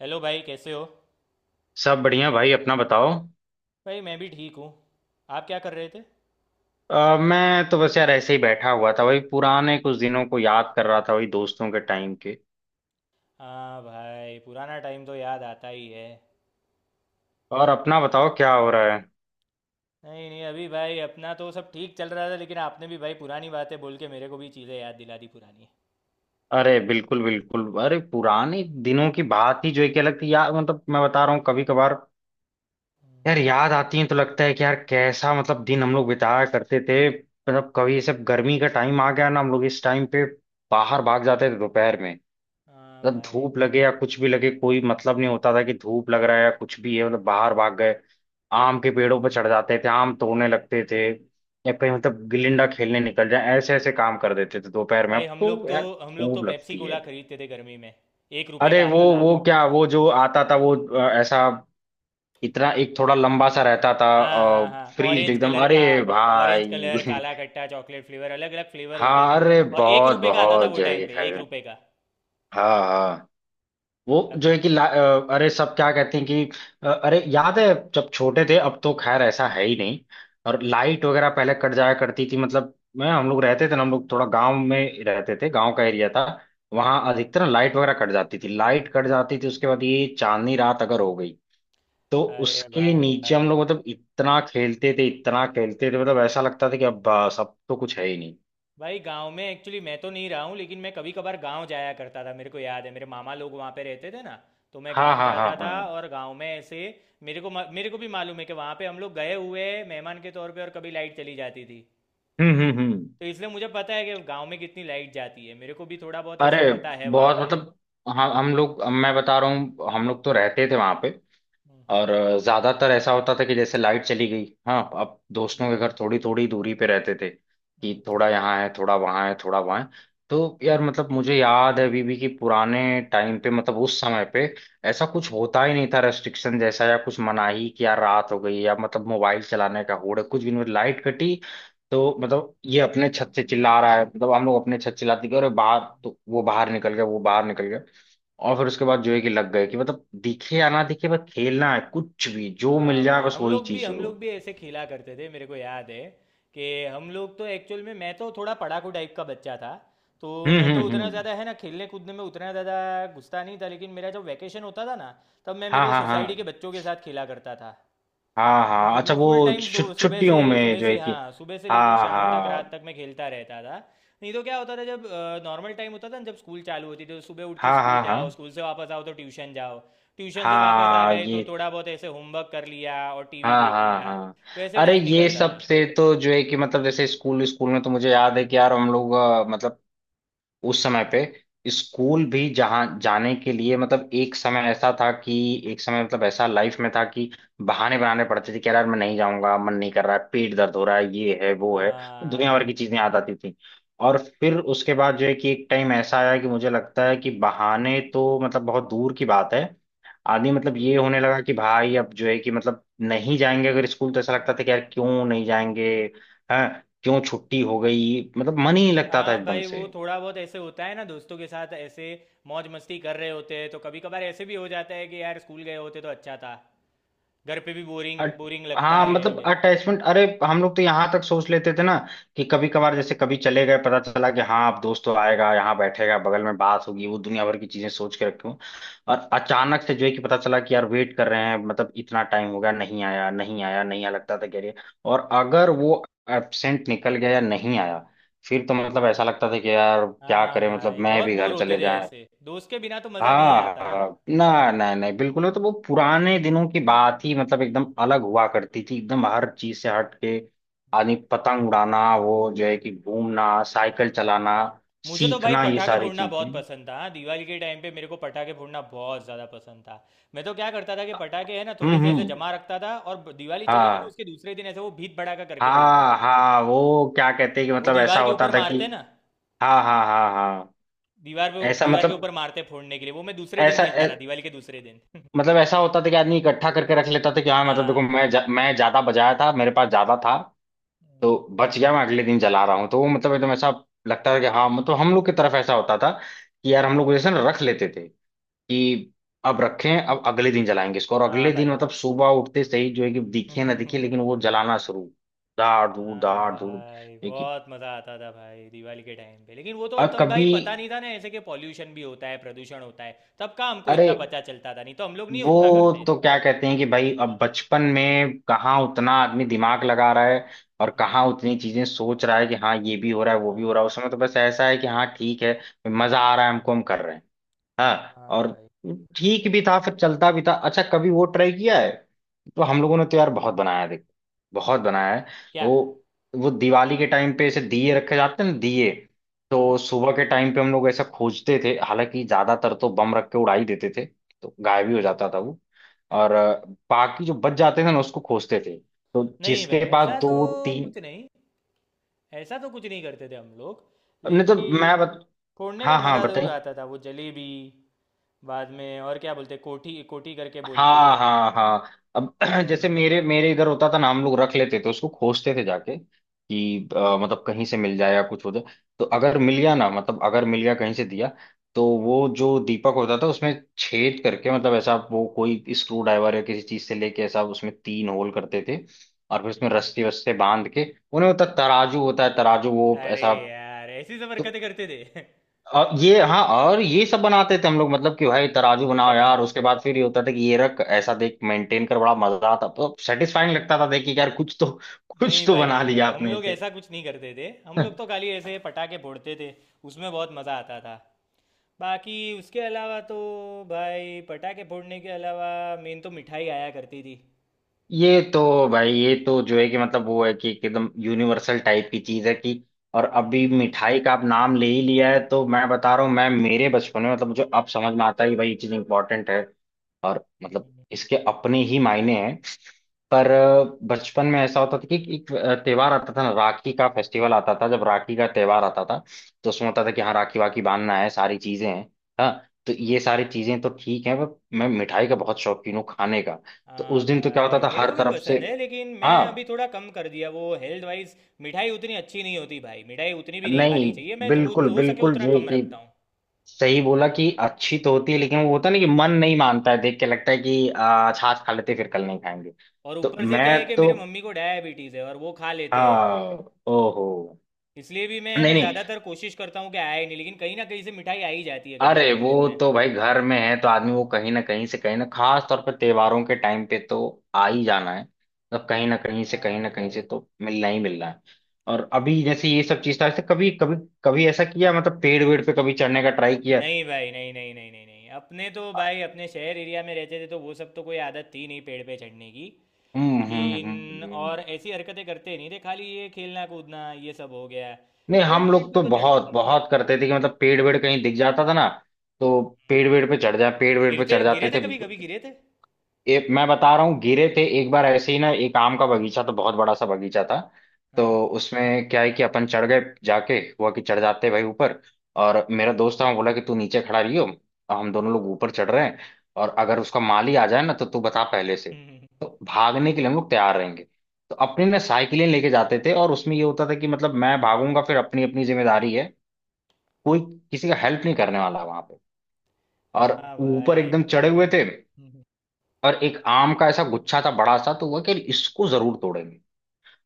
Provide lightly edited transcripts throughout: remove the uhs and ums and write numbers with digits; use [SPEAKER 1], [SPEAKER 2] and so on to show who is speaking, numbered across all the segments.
[SPEAKER 1] Hello भाई, कैसे हो।
[SPEAKER 2] सब बढ़िया भाई अपना बताओ।
[SPEAKER 1] भाई मैं भी ठीक हूँ। आप क्या कर रहे थे।
[SPEAKER 2] मैं तो बस यार ऐसे ही बैठा हुआ था, वही पुराने कुछ दिनों को याद कर रहा था, वही दोस्तों के टाइम के।
[SPEAKER 1] हाँ भाई, पुराना टाइम तो याद आता ही है।
[SPEAKER 2] और अपना बताओ क्या हो रहा है।
[SPEAKER 1] नहीं नहीं अभी भाई अपना तो सब ठीक चल रहा था, लेकिन आपने भी भाई पुरानी बातें बोल के मेरे को भी चीज़ें याद दिला दी पुरानी।
[SPEAKER 2] अरे बिल्कुल बिल्कुल, अरे पुराने दिनों की बात ही जो है क्या लगती है यार, मतलब मैं बता रहा हूँ कभी कभार
[SPEAKER 1] हम्म।
[SPEAKER 2] यार याद आती है, तो लगता है कि यार कैसा मतलब दिन हम लोग बिताया करते थे। मतलब कभी ये सब गर्मी का टाइम आ गया ना, हम लोग इस टाइम पे बाहर भाग जाते थे दोपहर में।
[SPEAKER 1] हाँ
[SPEAKER 2] मतलब
[SPEAKER 1] भाई।
[SPEAKER 2] धूप लगे या कुछ भी लगे, कोई मतलब नहीं होता था कि धूप लग रहा है या कुछ भी है, मतलब बाहर भाग गए। आम के पेड़ों पर चढ़ जाते थे, आम तोड़ने लगते थे, या कहीं मतलब गिलिंडा खेलने निकल जाए, ऐसे ऐसे काम कर देते थे दोपहर में।
[SPEAKER 1] भाई
[SPEAKER 2] अब
[SPEAKER 1] हम लोग
[SPEAKER 2] तो
[SPEAKER 1] तो
[SPEAKER 2] यार
[SPEAKER 1] हम लोग तो
[SPEAKER 2] खूब
[SPEAKER 1] पेप्सी
[SPEAKER 2] लगती है।
[SPEAKER 1] कोला खरीदते थे गर्मी में। एक रुपए
[SPEAKER 2] अरे
[SPEAKER 1] का
[SPEAKER 2] वो
[SPEAKER 1] आता था।
[SPEAKER 2] वो क्या, वो जो आता था वो ऐसा इतना एक थोड़ा लंबा सा रहता था।
[SPEAKER 1] हाँ हाँ हाँ,
[SPEAKER 2] फ्रीज
[SPEAKER 1] ऑरेंज
[SPEAKER 2] एकदम,
[SPEAKER 1] कलर
[SPEAKER 2] अरे
[SPEAKER 1] का। ऑरेंज
[SPEAKER 2] भाई
[SPEAKER 1] कलर, काला खट्टा, चॉकलेट फ्लेवर, अलग अलग फ्लेवर होते
[SPEAKER 2] हाँ
[SPEAKER 1] थे।
[SPEAKER 2] अरे
[SPEAKER 1] और एक
[SPEAKER 2] बहुत
[SPEAKER 1] रुपए का आता था
[SPEAKER 2] बहुत
[SPEAKER 1] वो टाइम
[SPEAKER 2] जय
[SPEAKER 1] पे,
[SPEAKER 2] है।
[SPEAKER 1] एक रुपए का।
[SPEAKER 2] हाँ हाँ। वो
[SPEAKER 1] अब-
[SPEAKER 2] जो है कि अरे सब क्या कहते हैं कि, अरे याद है जब छोटे थे, अब तो खैर ऐसा है ही नहीं। और लाइट वगैरह पहले कट जाया करती थी, मतलब मैं हम लोग रहते थे ना, हम लोग थोड़ा गांव में रहते थे, गांव का एरिया था। वहां अधिकतर ना लाइट वगैरह कट जाती थी, लाइट कट जाती थी। उसके बाद ये चांदनी रात अगर हो गई तो
[SPEAKER 1] अरे
[SPEAKER 2] उसके नीचे हम लोग
[SPEAKER 1] भाई,
[SPEAKER 2] मतलब इतना खेलते थे इतना खेलते थे, मतलब ऐसा लगता था कि अब सब तो कुछ है ही नहीं।
[SPEAKER 1] भाई गांव में एक्चुअली मैं तो नहीं रहा हूँ, लेकिन मैं कभी कभार गांव जाया करता था। मेरे को याद है मेरे मामा लोग वहाँ पे रहते थे ना, तो मैं
[SPEAKER 2] हाँ
[SPEAKER 1] गांव
[SPEAKER 2] हाँ हाँ
[SPEAKER 1] जाता था।
[SPEAKER 2] हाँ।
[SPEAKER 1] और गांव में ऐसे मेरे को भी मालूम है कि वहाँ पे हम लोग गए हुए हैं मेहमान के तौर पे, और कभी लाइट चली जाती थी।
[SPEAKER 2] हम्म।
[SPEAKER 1] तो इसलिए मुझे पता है कि गांव में कितनी लाइट जाती है, मेरे को भी थोड़ा बहुत ऐसे
[SPEAKER 2] अरे
[SPEAKER 1] पता है वहाँ
[SPEAKER 2] बहुत
[SPEAKER 1] पे।
[SPEAKER 2] मतलब हम लोग, मैं बता रहा हूँ, हम लोग तो रहते थे वहां पे।
[SPEAKER 1] हम्म,
[SPEAKER 2] और ज्यादातर ऐसा होता था कि जैसे लाइट चली गई, हाँ, अब
[SPEAKER 1] हम्म,
[SPEAKER 2] दोस्तों के घर थोड़ी थोड़ी दूरी पे रहते थे
[SPEAKER 1] हम्म,
[SPEAKER 2] कि
[SPEAKER 1] हम्म।
[SPEAKER 2] थोड़ा यहाँ है, थोड़ा वहाँ है, थोड़ा वहाँ है। तो यार मतलब मुझे याद है अभी भी कि पुराने टाइम पे मतलब उस समय पे ऐसा कुछ होता ही नहीं था, रेस्ट्रिक्शन जैसा या कुछ मनाही कि यार रात हो गई या मतलब मोबाइल चलाने का होड़ है, कुछ भी नहीं। लाइट कटी तो मतलब ये अपने छत से चिल्ला रहा है, मतलब हम लोग अपने छत चिल्लाते कि अरे बाहर, तो वो बाहर निकल गया, वो बाहर निकल गया। और फिर उसके बाद जो है कि लग गए कि मतलब दिखे या ना दिखे, बस खेलना है, कुछ भी जो मिल
[SPEAKER 1] हाँ
[SPEAKER 2] जाए
[SPEAKER 1] भाई,
[SPEAKER 2] बस
[SPEAKER 1] हम
[SPEAKER 2] वही
[SPEAKER 1] लोग भी
[SPEAKER 2] चीज
[SPEAKER 1] हम
[SPEAKER 2] हो।
[SPEAKER 1] लोग भी ऐसे खेला करते थे। मेरे को याद है कि हम लोग तो एक्चुअल में, मैं तो थोड़ा पढ़ाकू टाइप का बच्चा था। तो मैं तो उतना
[SPEAKER 2] हम्म।
[SPEAKER 1] ज़्यादा है ना, खेलने कूदने में उतना ज़्यादा घुसता नहीं था। लेकिन मेरा जब वैकेशन होता था ना, तब मैं
[SPEAKER 2] हाँ
[SPEAKER 1] मेरे
[SPEAKER 2] हाँ
[SPEAKER 1] सोसाइटी के
[SPEAKER 2] हाँ
[SPEAKER 1] बच्चों के साथ खेला करता था।
[SPEAKER 2] हाँ। हाँ,
[SPEAKER 1] तो
[SPEAKER 2] अच्छा,
[SPEAKER 1] वो फुल
[SPEAKER 2] वो
[SPEAKER 1] टाइम सुबह से
[SPEAKER 2] छुट्टियों में
[SPEAKER 1] सुबह
[SPEAKER 2] जो है
[SPEAKER 1] से
[SPEAKER 2] कि,
[SPEAKER 1] हाँ, सुबह से लेके
[SPEAKER 2] हाँ
[SPEAKER 1] शाम तक, रात
[SPEAKER 2] हाँ
[SPEAKER 1] तक मैं खेलता रहता था। नहीं तो क्या होता था, जब नॉर्मल टाइम होता था ना, जब स्कूल चालू होती थी, तो सुबह उठ के
[SPEAKER 2] हाँ
[SPEAKER 1] स्कूल
[SPEAKER 2] हाँ हाँ
[SPEAKER 1] जाओ, स्कूल से वापस आओ तो ट्यूशन जाओ, ट्यूशन से वापस आ
[SPEAKER 2] हाँ,
[SPEAKER 1] गए तो
[SPEAKER 2] ये
[SPEAKER 1] थोड़ा बहुत ऐसे होमवर्क कर लिया और टीवी
[SPEAKER 2] हाँ
[SPEAKER 1] देख
[SPEAKER 2] हाँ
[SPEAKER 1] लिया।
[SPEAKER 2] हाँ।
[SPEAKER 1] वैसे
[SPEAKER 2] अरे
[SPEAKER 1] टाइम
[SPEAKER 2] ये
[SPEAKER 1] निकलता
[SPEAKER 2] सब
[SPEAKER 1] था।
[SPEAKER 2] से तो जो है कि मतलब जैसे स्कूल, स्कूल में तो मुझे याद है कि यार हम लोग मतलब उस समय पे स्कूल भी जहाँ जाने के लिए, मतलब एक समय ऐसा था कि, एक समय मतलब ऐसा लाइफ में था कि बहाने बनाने पड़ते थे कि यार मैं नहीं जाऊंगा, मन नहीं कर रहा है, पेट दर्द हो रहा है, ये है वो है, तो दुनिया भर
[SPEAKER 1] हाँ।
[SPEAKER 2] की चीजें याद आती थी। और फिर उसके बाद जो है कि एक टाइम ऐसा आया कि मुझे लगता है कि बहाने तो मतलब बहुत दूर की बात है, आदमी मतलब ये होने लगा कि भाई अब जो है कि मतलब नहीं जाएंगे अगर स्कूल, तो ऐसा लगता था कि यार क्यों नहीं जाएंगे, हैं, क्यों छुट्टी हो गई, मतलब मन ही नहीं लगता था
[SPEAKER 1] हाँ
[SPEAKER 2] एकदम
[SPEAKER 1] भाई,
[SPEAKER 2] से।
[SPEAKER 1] वो थोड़ा बहुत ऐसे होता है ना, दोस्तों के साथ ऐसे मौज मस्ती कर रहे होते हैं, तो कभी कभार ऐसे भी हो जाता है कि यार स्कूल गए होते तो अच्छा था। घर पे भी बोरिंग
[SPEAKER 2] अट-
[SPEAKER 1] बोरिंग लगता
[SPEAKER 2] हाँ मतलब
[SPEAKER 1] है।
[SPEAKER 2] अटैचमेंट, अरे हम लोग तो यहाँ तक सोच लेते थे ना कि कभी कभार जैसे कभी चले गए, पता चला कि हाँ अब दोस्त तो आएगा, यहाँ बैठेगा बगल में, बात होगी, वो दुनिया भर की चीजें सोच के रखे हूँ। और अचानक से जो है कि पता चला कि यार वेट कर रहे हैं, मतलब इतना टाइम हो गया, नहीं आया नहीं आया नहीं आया, लगता था कह रही। और अगर वो एबसेंट निकल गया या नहीं आया, फिर तो मतलब ऐसा लगता था कि यार क्या
[SPEAKER 1] हाँ
[SPEAKER 2] करें, मतलब
[SPEAKER 1] भाई,
[SPEAKER 2] मैं
[SPEAKER 1] बहुत
[SPEAKER 2] भी
[SPEAKER 1] बोर
[SPEAKER 2] घर
[SPEAKER 1] होते
[SPEAKER 2] चले
[SPEAKER 1] थे
[SPEAKER 2] जाए।
[SPEAKER 1] ऐसे, दोस्त के बिना तो मज़ा नहीं
[SPEAKER 2] हाँ
[SPEAKER 1] आता ना।
[SPEAKER 2] हाँ, ना ना, नहीं बिल्कुल, वो तो वो पुराने दिनों की बात ही मतलब एकदम अलग हुआ करती थी, एकदम हर चीज से हट के आदमी। पतंग उड़ाना, वो जो है कि घूमना,
[SPEAKER 1] हाँ
[SPEAKER 2] साइकिल चलाना
[SPEAKER 1] भाई। मुझे तो भाई
[SPEAKER 2] सीखना, ये
[SPEAKER 1] पटाखे
[SPEAKER 2] सारी
[SPEAKER 1] फोड़ना
[SPEAKER 2] चीजें।
[SPEAKER 1] बहुत पसंद था। हाँ, दिवाली के टाइम पे मेरे को पटाखे फोड़ना बहुत ज़्यादा पसंद था। मैं तो क्या करता था कि पटाखे है ना थोड़े से ऐसे
[SPEAKER 2] हम्म।
[SPEAKER 1] जमा रखता था, और दिवाली चली गई ना,
[SPEAKER 2] हाँ
[SPEAKER 1] उसके दूसरे दिन ऐसे वो भीत भड़ाका करके बोलते हैं।
[SPEAKER 2] हाँ हाँ, वो क्या कहते हैं कि
[SPEAKER 1] वो
[SPEAKER 2] मतलब ऐसा
[SPEAKER 1] दीवार के
[SPEAKER 2] होता
[SPEAKER 1] ऊपर
[SPEAKER 2] था कि,
[SPEAKER 1] मारते हैं ना,
[SPEAKER 2] हाँ हाँ हाँ हाँ
[SPEAKER 1] दीवार पे,
[SPEAKER 2] ऐसा
[SPEAKER 1] दीवार के
[SPEAKER 2] मतलब
[SPEAKER 1] ऊपर मारते हैं फोड़ने के लिए। वो मैं दूसरे दिन
[SPEAKER 2] ऐसा
[SPEAKER 1] खेलता था, दिवाली के दूसरे दिन।
[SPEAKER 2] मतलब ऐसा होता था कि आदमी इकट्ठा करके रख लेता था कि हाँ, मतलब देखो,
[SPEAKER 1] हाँ।
[SPEAKER 2] मैं मैं ज्यादा बजाया था, मेरे पास ज्यादा था,
[SPEAKER 1] हम्म।
[SPEAKER 2] तो बच गया, मैं अगले दिन जला रहा हूँ। तो वो मतलब एकदम ऐसा लगता है कि हाँ, मतलब हम लोग की तरफ ऐसा होता था कि यार हम लोग जैसे ना रख लेते थे कि अब रखें, अब अगले दिन जलाएंगे इसको। और
[SPEAKER 1] हाँ
[SPEAKER 2] अगले दिन
[SPEAKER 1] भाई।
[SPEAKER 2] मतलब सुबह उठते सही जो है कि दिखे ना दिखे, लेकिन वो जलाना शुरू। दाड़ दूध
[SPEAKER 1] हाँ
[SPEAKER 2] दाड़ दूध।
[SPEAKER 1] भाई,
[SPEAKER 2] देखिए,
[SPEAKER 1] बहुत मज़ा आता था भाई दिवाली के टाइम पे। लेकिन वो तो
[SPEAKER 2] और
[SPEAKER 1] तब भाई
[SPEAKER 2] कभी,
[SPEAKER 1] पता नहीं था ना ऐसे कि पॉल्यूशन भी होता है, प्रदूषण होता है। तब का हमको
[SPEAKER 2] अरे
[SPEAKER 1] इतना पता चलता था नहीं, तो हम लोग नहीं
[SPEAKER 2] वो
[SPEAKER 1] उतना करते।
[SPEAKER 2] तो क्या कहते हैं कि भाई, अब बचपन में कहाँ उतना आदमी दिमाग लगा रहा है, और
[SPEAKER 1] हम्म।
[SPEAKER 2] कहाँ उतनी चीजें सोच रहा है कि हाँ ये भी हो रहा है वो भी
[SPEAKER 1] हाँ
[SPEAKER 2] हो
[SPEAKER 1] हाँ।
[SPEAKER 2] रहा है। उस समय तो बस ऐसा है कि हाँ ठीक है, मजा आ रहा है हमको, हम कर रहे हैं। हाँ,
[SPEAKER 1] हाँ
[SPEAKER 2] और
[SPEAKER 1] भाई।
[SPEAKER 2] ठीक भी था, फिर चलता भी था। अच्छा कभी वो ट्राई किया है? तो हम लोगों ने तो यार बहुत बनाया है, देखो बहुत बनाया है।
[SPEAKER 1] क्या।
[SPEAKER 2] वो वो दिवाली के टाइम पे ऐसे दिए रखे जाते हैं ना, दिए।
[SPEAKER 1] हाँ।
[SPEAKER 2] तो सुबह के टाइम पे हम लोग ऐसा खोजते थे, हालांकि ज्यादातर तो बम रख के उड़ा ही देते थे तो गायब ही हो जाता था वो। और बाकी जो बच जाते थे ना उसको खोजते थे, तो
[SPEAKER 1] नहीं भाई
[SPEAKER 2] जिसके पास
[SPEAKER 1] ऐसा तो
[SPEAKER 2] दो तीन,
[SPEAKER 1] कुछ नहीं ऐसा तो कुछ नहीं करते थे हम लोग।
[SPEAKER 2] नहीं तो
[SPEAKER 1] लेकिन
[SPEAKER 2] मैं बत...
[SPEAKER 1] फोड़ने का
[SPEAKER 2] हाँ हाँ
[SPEAKER 1] मज़ा ज़रूर
[SPEAKER 2] बताइए।
[SPEAKER 1] आता था, वो जलेबी बाद में। और क्या बोलते, कोठी कोठी करके बोलते
[SPEAKER 2] हाँ
[SPEAKER 1] थे।
[SPEAKER 2] हाँ हाँ, अब जैसे
[SPEAKER 1] और
[SPEAKER 2] मेरे मेरे इधर होता था ना, हम लोग रख लेते थे, उसको खोजते थे जाके कि मतलब कहीं से मिल जाए या कुछ हो जाए। तो अगर मिल गया ना, मतलब अगर मिल गया कहीं से दिया, तो वो जो दीपक होता था उसमें छेद करके, मतलब ऐसा वो कोई स्क्रू ड्राइवर या किसी चीज से लेके ऐसा उसमें तीन होल करते थे। और फिर उसमें रस्सी वस्से बांध के, उन्हें होता तराजू होता है, तराजू वो
[SPEAKER 1] अरे
[SPEAKER 2] ऐसा।
[SPEAKER 1] यार, ऐसी सब
[SPEAKER 2] तो
[SPEAKER 1] हरकतें करते थे।
[SPEAKER 2] और ये, हाँ और ये सब बनाते थे हम लोग, मतलब कि भाई तराजू बनाओ यार।
[SPEAKER 1] बताओ।
[SPEAKER 2] उसके बाद फिर ये होता था कि ये रख, ऐसा देख, मेंटेन कर, बड़ा मजा आता, तो सेटिस्फाइंग लगता था देख के कि यार कुछ तो, कुछ
[SPEAKER 1] नहीं
[SPEAKER 2] तो
[SPEAKER 1] भाई,
[SPEAKER 2] बना
[SPEAKER 1] नहीं भाई,
[SPEAKER 2] लिया
[SPEAKER 1] हम
[SPEAKER 2] आपने
[SPEAKER 1] लोग
[SPEAKER 2] इसे।
[SPEAKER 1] ऐसा कुछ नहीं करते थे। हम लोग तो खाली ऐसे पटाखे फोड़ते थे, उसमें बहुत मज़ा आता था। बाकी उसके अलावा तो भाई, पटाखे फोड़ने के अलावा मेन तो मिठाई आया करती थी।
[SPEAKER 2] ये तो भाई, ये तो जो है कि मतलब वो है कि एकदम यूनिवर्सल टाइप की चीज है कि, और
[SPEAKER 1] हम्म।
[SPEAKER 2] अभी मिठाई का आप नाम ले ही लिया है, तो मैं बता रहा हूँ, मैं मेरे बचपन में, मतलब मुझे अब समझ में आता है कि भाई ये चीज इंपॉर्टेंट है और मतलब
[SPEAKER 1] हम्म।
[SPEAKER 2] इसके अपने ही मायने हैं। पर बचपन में ऐसा होता था कि एक त्योहार आता था ना, राखी का फेस्टिवल आता था। जब राखी का त्योहार आता था तो उसमें
[SPEAKER 1] हम्म।
[SPEAKER 2] होता था कि हाँ राखी वाखी बांधना है, सारी चीजें हैं। हाँ, तो ये सारी चीजें तो ठीक है, पर मैं मिठाई का बहुत शौकीन हूँ खाने का, तो उस
[SPEAKER 1] हाँ
[SPEAKER 2] दिन तो क्या होता
[SPEAKER 1] भाई
[SPEAKER 2] था
[SPEAKER 1] मेरे
[SPEAKER 2] हर
[SPEAKER 1] को भी
[SPEAKER 2] तरफ से।
[SPEAKER 1] पसंद है, लेकिन
[SPEAKER 2] हाँ,
[SPEAKER 1] मैं अभी थोड़ा कम कर दिया वो हेल्थ वाइज। मिठाई उतनी अच्छी नहीं होती भाई, मिठाई उतनी भी नहीं खानी
[SPEAKER 2] नहीं
[SPEAKER 1] चाहिए। मैं तो
[SPEAKER 2] बिल्कुल
[SPEAKER 1] हो सके
[SPEAKER 2] बिल्कुल
[SPEAKER 1] उतना
[SPEAKER 2] जो है
[SPEAKER 1] कम
[SPEAKER 2] कि
[SPEAKER 1] रखता हूँ।
[SPEAKER 2] सही बोला कि अच्छी तो होती है, लेकिन वो होता है ना कि मन नहीं मानता है, देख के लगता है कि आज आज खा लेते हैं, फिर कल नहीं खाएंगे।
[SPEAKER 1] और
[SPEAKER 2] तो
[SPEAKER 1] ऊपर से क्या है
[SPEAKER 2] मैं
[SPEAKER 1] कि
[SPEAKER 2] तो,
[SPEAKER 1] मेरे मम्मी को डायबिटीज़ है, और वो खा लेते हैं।
[SPEAKER 2] हाँ, ओहो,
[SPEAKER 1] इसलिए भी मैं है ना
[SPEAKER 2] नहीं नहीं,
[SPEAKER 1] ज़्यादातर कोशिश करता हूँ कि आए नहीं, लेकिन कहीं ना कहीं से मिठाई आ ही जाती है घर में
[SPEAKER 2] अरे
[SPEAKER 1] थोड़े
[SPEAKER 2] वो
[SPEAKER 1] दिन में।
[SPEAKER 2] तो भाई घर में है तो आदमी वो कहीं ना कहीं से, कहीं ना, खास तौर पर त्योहारों के टाइम पे तो आ ही जाना है, मतलब कहीं ना कहीं से कहीं
[SPEAKER 1] हाँ
[SPEAKER 2] ना कहीं से
[SPEAKER 1] भाई।
[SPEAKER 2] तो मिलना ही मिलना है। और अभी जैसे ये सब चीज था, ऐसे कभी कभी कभी ऐसा किया, मतलब पेड़ वेड़ पे कभी चढ़ने का ट्राई किया?
[SPEAKER 1] नहीं भाई, नहीं नहीं नहीं नहीं नहीं अपने तो भाई अपने शहर एरिया में रहते थे, तो वो सब तो कोई आदत थी नहीं पेड़ पे चढ़ने की।
[SPEAKER 2] हम्म।
[SPEAKER 1] लेकिन और
[SPEAKER 2] हम्म।
[SPEAKER 1] ऐसी हरकतें करते नहीं थे, खाली ये खेलना कूदना ये सब हो गया।
[SPEAKER 2] नहीं,
[SPEAKER 1] पेड़
[SPEAKER 2] हम
[SPEAKER 1] पेड़
[SPEAKER 2] लोग
[SPEAKER 1] पे
[SPEAKER 2] तो
[SPEAKER 1] तो चढ़ते
[SPEAKER 2] बहुत
[SPEAKER 1] नहीं थे।
[SPEAKER 2] बहुत करते थे कि मतलब पेड़ वेड़ कहीं दिख जाता था ना, तो
[SPEAKER 1] हम्म।
[SPEAKER 2] पेड़ वेड़ पे चढ़ जा पेड़ वेड़ पे
[SPEAKER 1] गिरते,
[SPEAKER 2] चढ़
[SPEAKER 1] गिरे
[SPEAKER 2] जाते
[SPEAKER 1] थे
[SPEAKER 2] थे।
[SPEAKER 1] कभी कभी, गिरे थे।
[SPEAKER 2] ये मैं बता रहा हूँ, गिरे थे एक बार ऐसे ही ना, एक आम का बगीचा, तो बहुत बड़ा सा बगीचा था,
[SPEAKER 1] हाँ।
[SPEAKER 2] तो उसमें क्या है कि अपन चढ़ गए जाके, हुआ कि चढ़ जाते भाई ऊपर। और मेरा दोस्त था, वो बोला कि तू नीचे खड़ा रहियो, और हम दोनों लोग ऊपर चढ़ रहे हैं, और अगर उसका माली आ जाए ना तो तू बता पहले से, तो भागने के लिए हम लोग तैयार रहेंगे। तो अपनी ना साइकिलें लेके जाते थे, और उसमें ये होता था कि मतलब मैं भागूंगा फिर, अपनी अपनी जिम्मेदारी है, कोई किसी का हेल्प नहीं करने वाला वहां पे। और
[SPEAKER 1] हाँ
[SPEAKER 2] ऊपर
[SPEAKER 1] भाई
[SPEAKER 2] एकदम चढ़े हुए
[SPEAKER 1] तो।
[SPEAKER 2] थे। और एक आम का ऐसा गुच्छा था बड़ा सा, तो हुआ कि इसको जरूर तोड़ेंगे।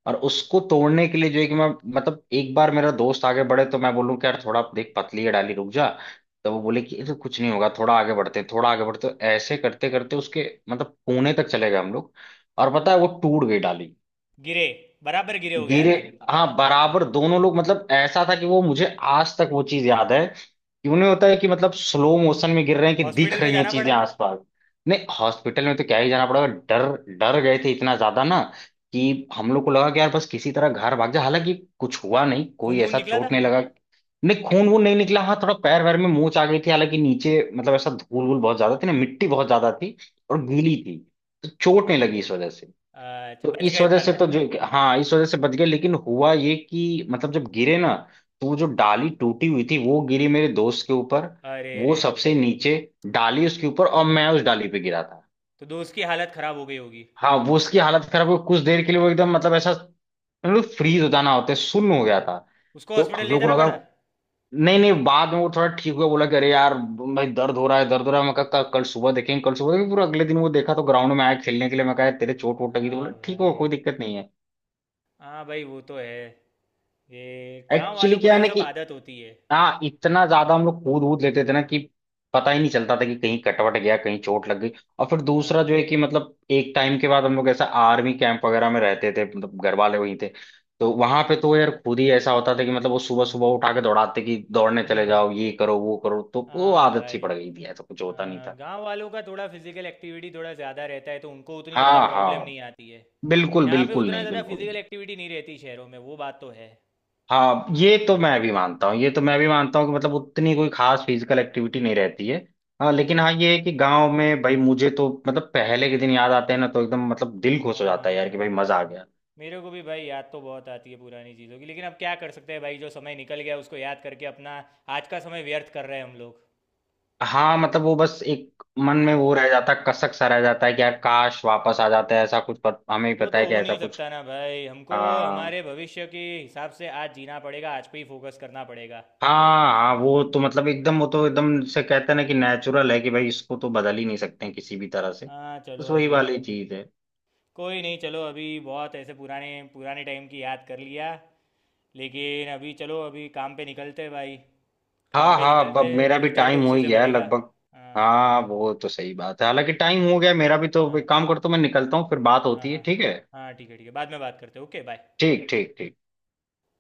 [SPEAKER 2] और उसको तोड़ने के लिए जो है कि मैं एक बार मेरा दोस्त आगे बढ़े तो मैं बोलूँ कि यार थोड़ा देख पतली है डाली, रुक जा। तो वो बोले कि ये तो कुछ नहीं होगा, थोड़ा आगे बढ़ते हैं, थोड़ा आगे बढ़ते हैं। तो ऐसे करते करते उसके मतलब पुणे तक चले गए हम लोग। और पता है वो टूट गई डाली।
[SPEAKER 1] गिरे, बराबर गिरे, हो गया है
[SPEAKER 2] गिरे।
[SPEAKER 1] ना।
[SPEAKER 2] हाँ बराबर दोनों लोग। मतलब ऐसा था कि वो मुझे आज तक वो चीज याद है कि उन्हें होता है कि मतलब स्लो मोशन में गिर रहे हैं, कि दिख
[SPEAKER 1] हॉस्पिटल में
[SPEAKER 2] रही हैं
[SPEAKER 1] जाना
[SPEAKER 2] चीजें
[SPEAKER 1] पड़ा।
[SPEAKER 2] आसपास। नहीं, हॉस्पिटल में तो क्या ही जाना पड़ेगा। डर डर गए थे इतना ज्यादा ना, कि हम लोग को लगा कि यार बस किसी तरह घर भाग जा। हालांकि कुछ हुआ नहीं,
[SPEAKER 1] खून
[SPEAKER 2] कोई
[SPEAKER 1] वून
[SPEAKER 2] ऐसा
[SPEAKER 1] निकला था।
[SPEAKER 2] चोट नहीं लगा। नहीं, खून वून नहीं निकला। हाँ थोड़ा पैर वैर में मोच आ गई थी। हालांकि नीचे मतलब ऐसा धूल वूल बहुत ज्यादा थी ना, मिट्टी बहुत ज्यादा थी और गीली थी, तो चोट नहीं लगी इस वजह से।
[SPEAKER 1] अच्छा,
[SPEAKER 2] तो
[SPEAKER 1] बच
[SPEAKER 2] इस
[SPEAKER 1] गए
[SPEAKER 2] वजह
[SPEAKER 1] बाल
[SPEAKER 2] से तो
[SPEAKER 1] बाल।
[SPEAKER 2] जो हाँ इस वजह से बच गए। लेकिन हुआ ये कि मतलब जब गिरे ना, तो वो जो डाली टूटी हुई थी वो गिरी मेरे दोस्त के ऊपर।
[SPEAKER 1] अरे
[SPEAKER 2] वो
[SPEAKER 1] रे रे रे।
[SPEAKER 2] सबसे नीचे, डाली उसके ऊपर, और मैं उस डाली पे गिरा था।
[SPEAKER 1] तो दोस्त की हालत खराब हो गई होगी।
[SPEAKER 2] हाँ वो उसकी हालत खराब हो गई। कुछ देर के लिए वो एकदम मतलब ऐसा फ्रीज हो जाना होता है, सुन्न हो गया था।
[SPEAKER 1] उसको
[SPEAKER 2] तो
[SPEAKER 1] हॉस्पिटल
[SPEAKER 2] हम
[SPEAKER 1] ले
[SPEAKER 2] लोग को
[SPEAKER 1] जाना
[SPEAKER 2] लगा।
[SPEAKER 1] पड़ा।
[SPEAKER 2] नहीं नहीं, बाद में वो थोड़ा ठीक हुआ, बोला कि अरे यार भाई दर्द हो रहा है, दर्द हो रहा है। मैं कहा "कल कल सुबह देखेंगे, कल सुबह देखेंगे।" पूरा अगले दिन वो देखा तो ग्राउंड में आया खेलने के लिए। मैं कहा "यार, तेरे चोट वोट लगी?" तो
[SPEAKER 1] हाँ
[SPEAKER 2] बोला ठीक हो,
[SPEAKER 1] भाई।
[SPEAKER 2] कोई दिक्कत नहीं है।
[SPEAKER 1] हाँ भाई वो तो है, ये गांव
[SPEAKER 2] एक्चुअली
[SPEAKER 1] वालों
[SPEAKER 2] क्या
[SPEAKER 1] को
[SPEAKER 2] है
[SPEAKER 1] ये
[SPEAKER 2] ना
[SPEAKER 1] सब
[SPEAKER 2] कि
[SPEAKER 1] आदत होती है।
[SPEAKER 2] हाँ इतना ज्यादा हम लोग कूद वूद लेते थे ना कि पता ही नहीं चलता था कि कहीं कटवट गया, कहीं चोट लग गई। और फिर
[SPEAKER 1] हाँ
[SPEAKER 2] दूसरा जो
[SPEAKER 1] भाई।
[SPEAKER 2] है कि मतलब एक टाइम के बाद हम लोग ऐसा आर्मी कैंप वगैरह में रहते थे, मतलब घर वाले वहीं थे। तो वहां पे तो यार खुद ही ऐसा होता था कि मतलब वो सुबह सुबह उठा के दौड़ाते कि दौड़ने चले
[SPEAKER 1] हम्म।
[SPEAKER 2] जाओ, ये करो वो करो। तो वो
[SPEAKER 1] हाँ
[SPEAKER 2] आदत सी
[SPEAKER 1] भाई।
[SPEAKER 2] पड़ गई थी, ऐसा कुछ होता नहीं
[SPEAKER 1] हाँ,
[SPEAKER 2] था।
[SPEAKER 1] गांव वालों का थोड़ा फिजिकल एक्टिविटी थोड़ा ज़्यादा रहता है, तो उनको उतनी ज़्यादा
[SPEAKER 2] हाँ
[SPEAKER 1] प्रॉब्लम
[SPEAKER 2] हाँ,
[SPEAKER 1] नहीं आती है।
[SPEAKER 2] बिल्कुल,
[SPEAKER 1] यहाँ पे
[SPEAKER 2] बिल्कुल
[SPEAKER 1] उतना
[SPEAKER 2] नहीं,
[SPEAKER 1] ज़्यादा
[SPEAKER 2] बिल्कुल
[SPEAKER 1] फिजिकल
[SPEAKER 2] नहीं।
[SPEAKER 1] एक्टिविटी नहीं रहती शहरों में, वो बात तो है।
[SPEAKER 2] हाँ ये तो मैं भी मानता हूँ, ये तो मैं भी मानता हूँ कि मतलब उतनी कोई खास फिजिकल एक्टिविटी नहीं रहती है। हाँ लेकिन हाँ ये है कि
[SPEAKER 1] हाँ।
[SPEAKER 2] गांव में भाई मुझे तो मतलब पहले के दिन याद आते हैं ना, तो एकदम मतलब दिल खुश हो जाता है
[SPEAKER 1] हाँ
[SPEAKER 2] यार कि भाई
[SPEAKER 1] भाई,
[SPEAKER 2] मजा आ
[SPEAKER 1] भाई
[SPEAKER 2] गया।
[SPEAKER 1] मेरे को भी भाई याद तो बहुत आती है पुरानी चीज़ों की, लेकिन अब क्या कर सकते हैं भाई, जो समय निकल गया उसको याद करके अपना आज का समय व्यर्थ कर रहे हैं हम लोग।
[SPEAKER 2] हाँ मतलब वो बस एक मन में
[SPEAKER 1] हम्म।
[SPEAKER 2] वो रह जाता है, कसक सा रह जाता है कि यार काश वापस आ जाता है ऐसा कुछ, पर हमें भी
[SPEAKER 1] वो
[SPEAKER 2] पता
[SPEAKER 1] तो
[SPEAKER 2] है कि
[SPEAKER 1] हो
[SPEAKER 2] ऐसा
[SPEAKER 1] नहीं
[SPEAKER 2] कुछ।
[SPEAKER 1] सकता ना भाई, हमको
[SPEAKER 2] हाँ
[SPEAKER 1] हमारे भविष्य के हिसाब से आज जीना पड़ेगा, आज पे ही फोकस करना पड़ेगा।
[SPEAKER 2] हाँ। हाँ वो तो मतलब एकदम, वो तो एकदम से कहते हैं ना कि नेचुरल है कि भाई इसको तो बदल ही नहीं सकते हैं किसी भी तरह से।
[SPEAKER 1] हाँ
[SPEAKER 2] बस
[SPEAKER 1] चलो
[SPEAKER 2] वही
[SPEAKER 1] अभी,
[SPEAKER 2] वाली चीज है।
[SPEAKER 1] कोई नहीं, चलो अभी बहुत ऐसे पुराने पुराने टाइम की याद कर लिया। लेकिन अभी चलो अभी काम पे निकलते हैं भाई, काम
[SPEAKER 2] हाँ
[SPEAKER 1] पे
[SPEAKER 2] हाँ, अब
[SPEAKER 1] निकलते हैं,
[SPEAKER 2] मेरा भी
[SPEAKER 1] फ्यूचर तो
[SPEAKER 2] टाइम हो
[SPEAKER 1] उसी
[SPEAKER 2] ही
[SPEAKER 1] से
[SPEAKER 2] गया है
[SPEAKER 1] बनेगा।
[SPEAKER 2] लगभग।
[SPEAKER 1] हाँ।
[SPEAKER 2] हाँ वो तो सही बात है, हालांकि टाइम हो गया है, मेरा भी तो।
[SPEAKER 1] हाँ।
[SPEAKER 2] एक काम करता हूँ मैं निकलता हूँ, फिर बात
[SPEAKER 1] हाँ
[SPEAKER 2] होती है,
[SPEAKER 1] हाँ
[SPEAKER 2] ठीक है।
[SPEAKER 1] हाँ ठीक है, ठीक है, बाद में बात करते हैं। Okay bye.
[SPEAKER 2] ठीक ठीक ठीक।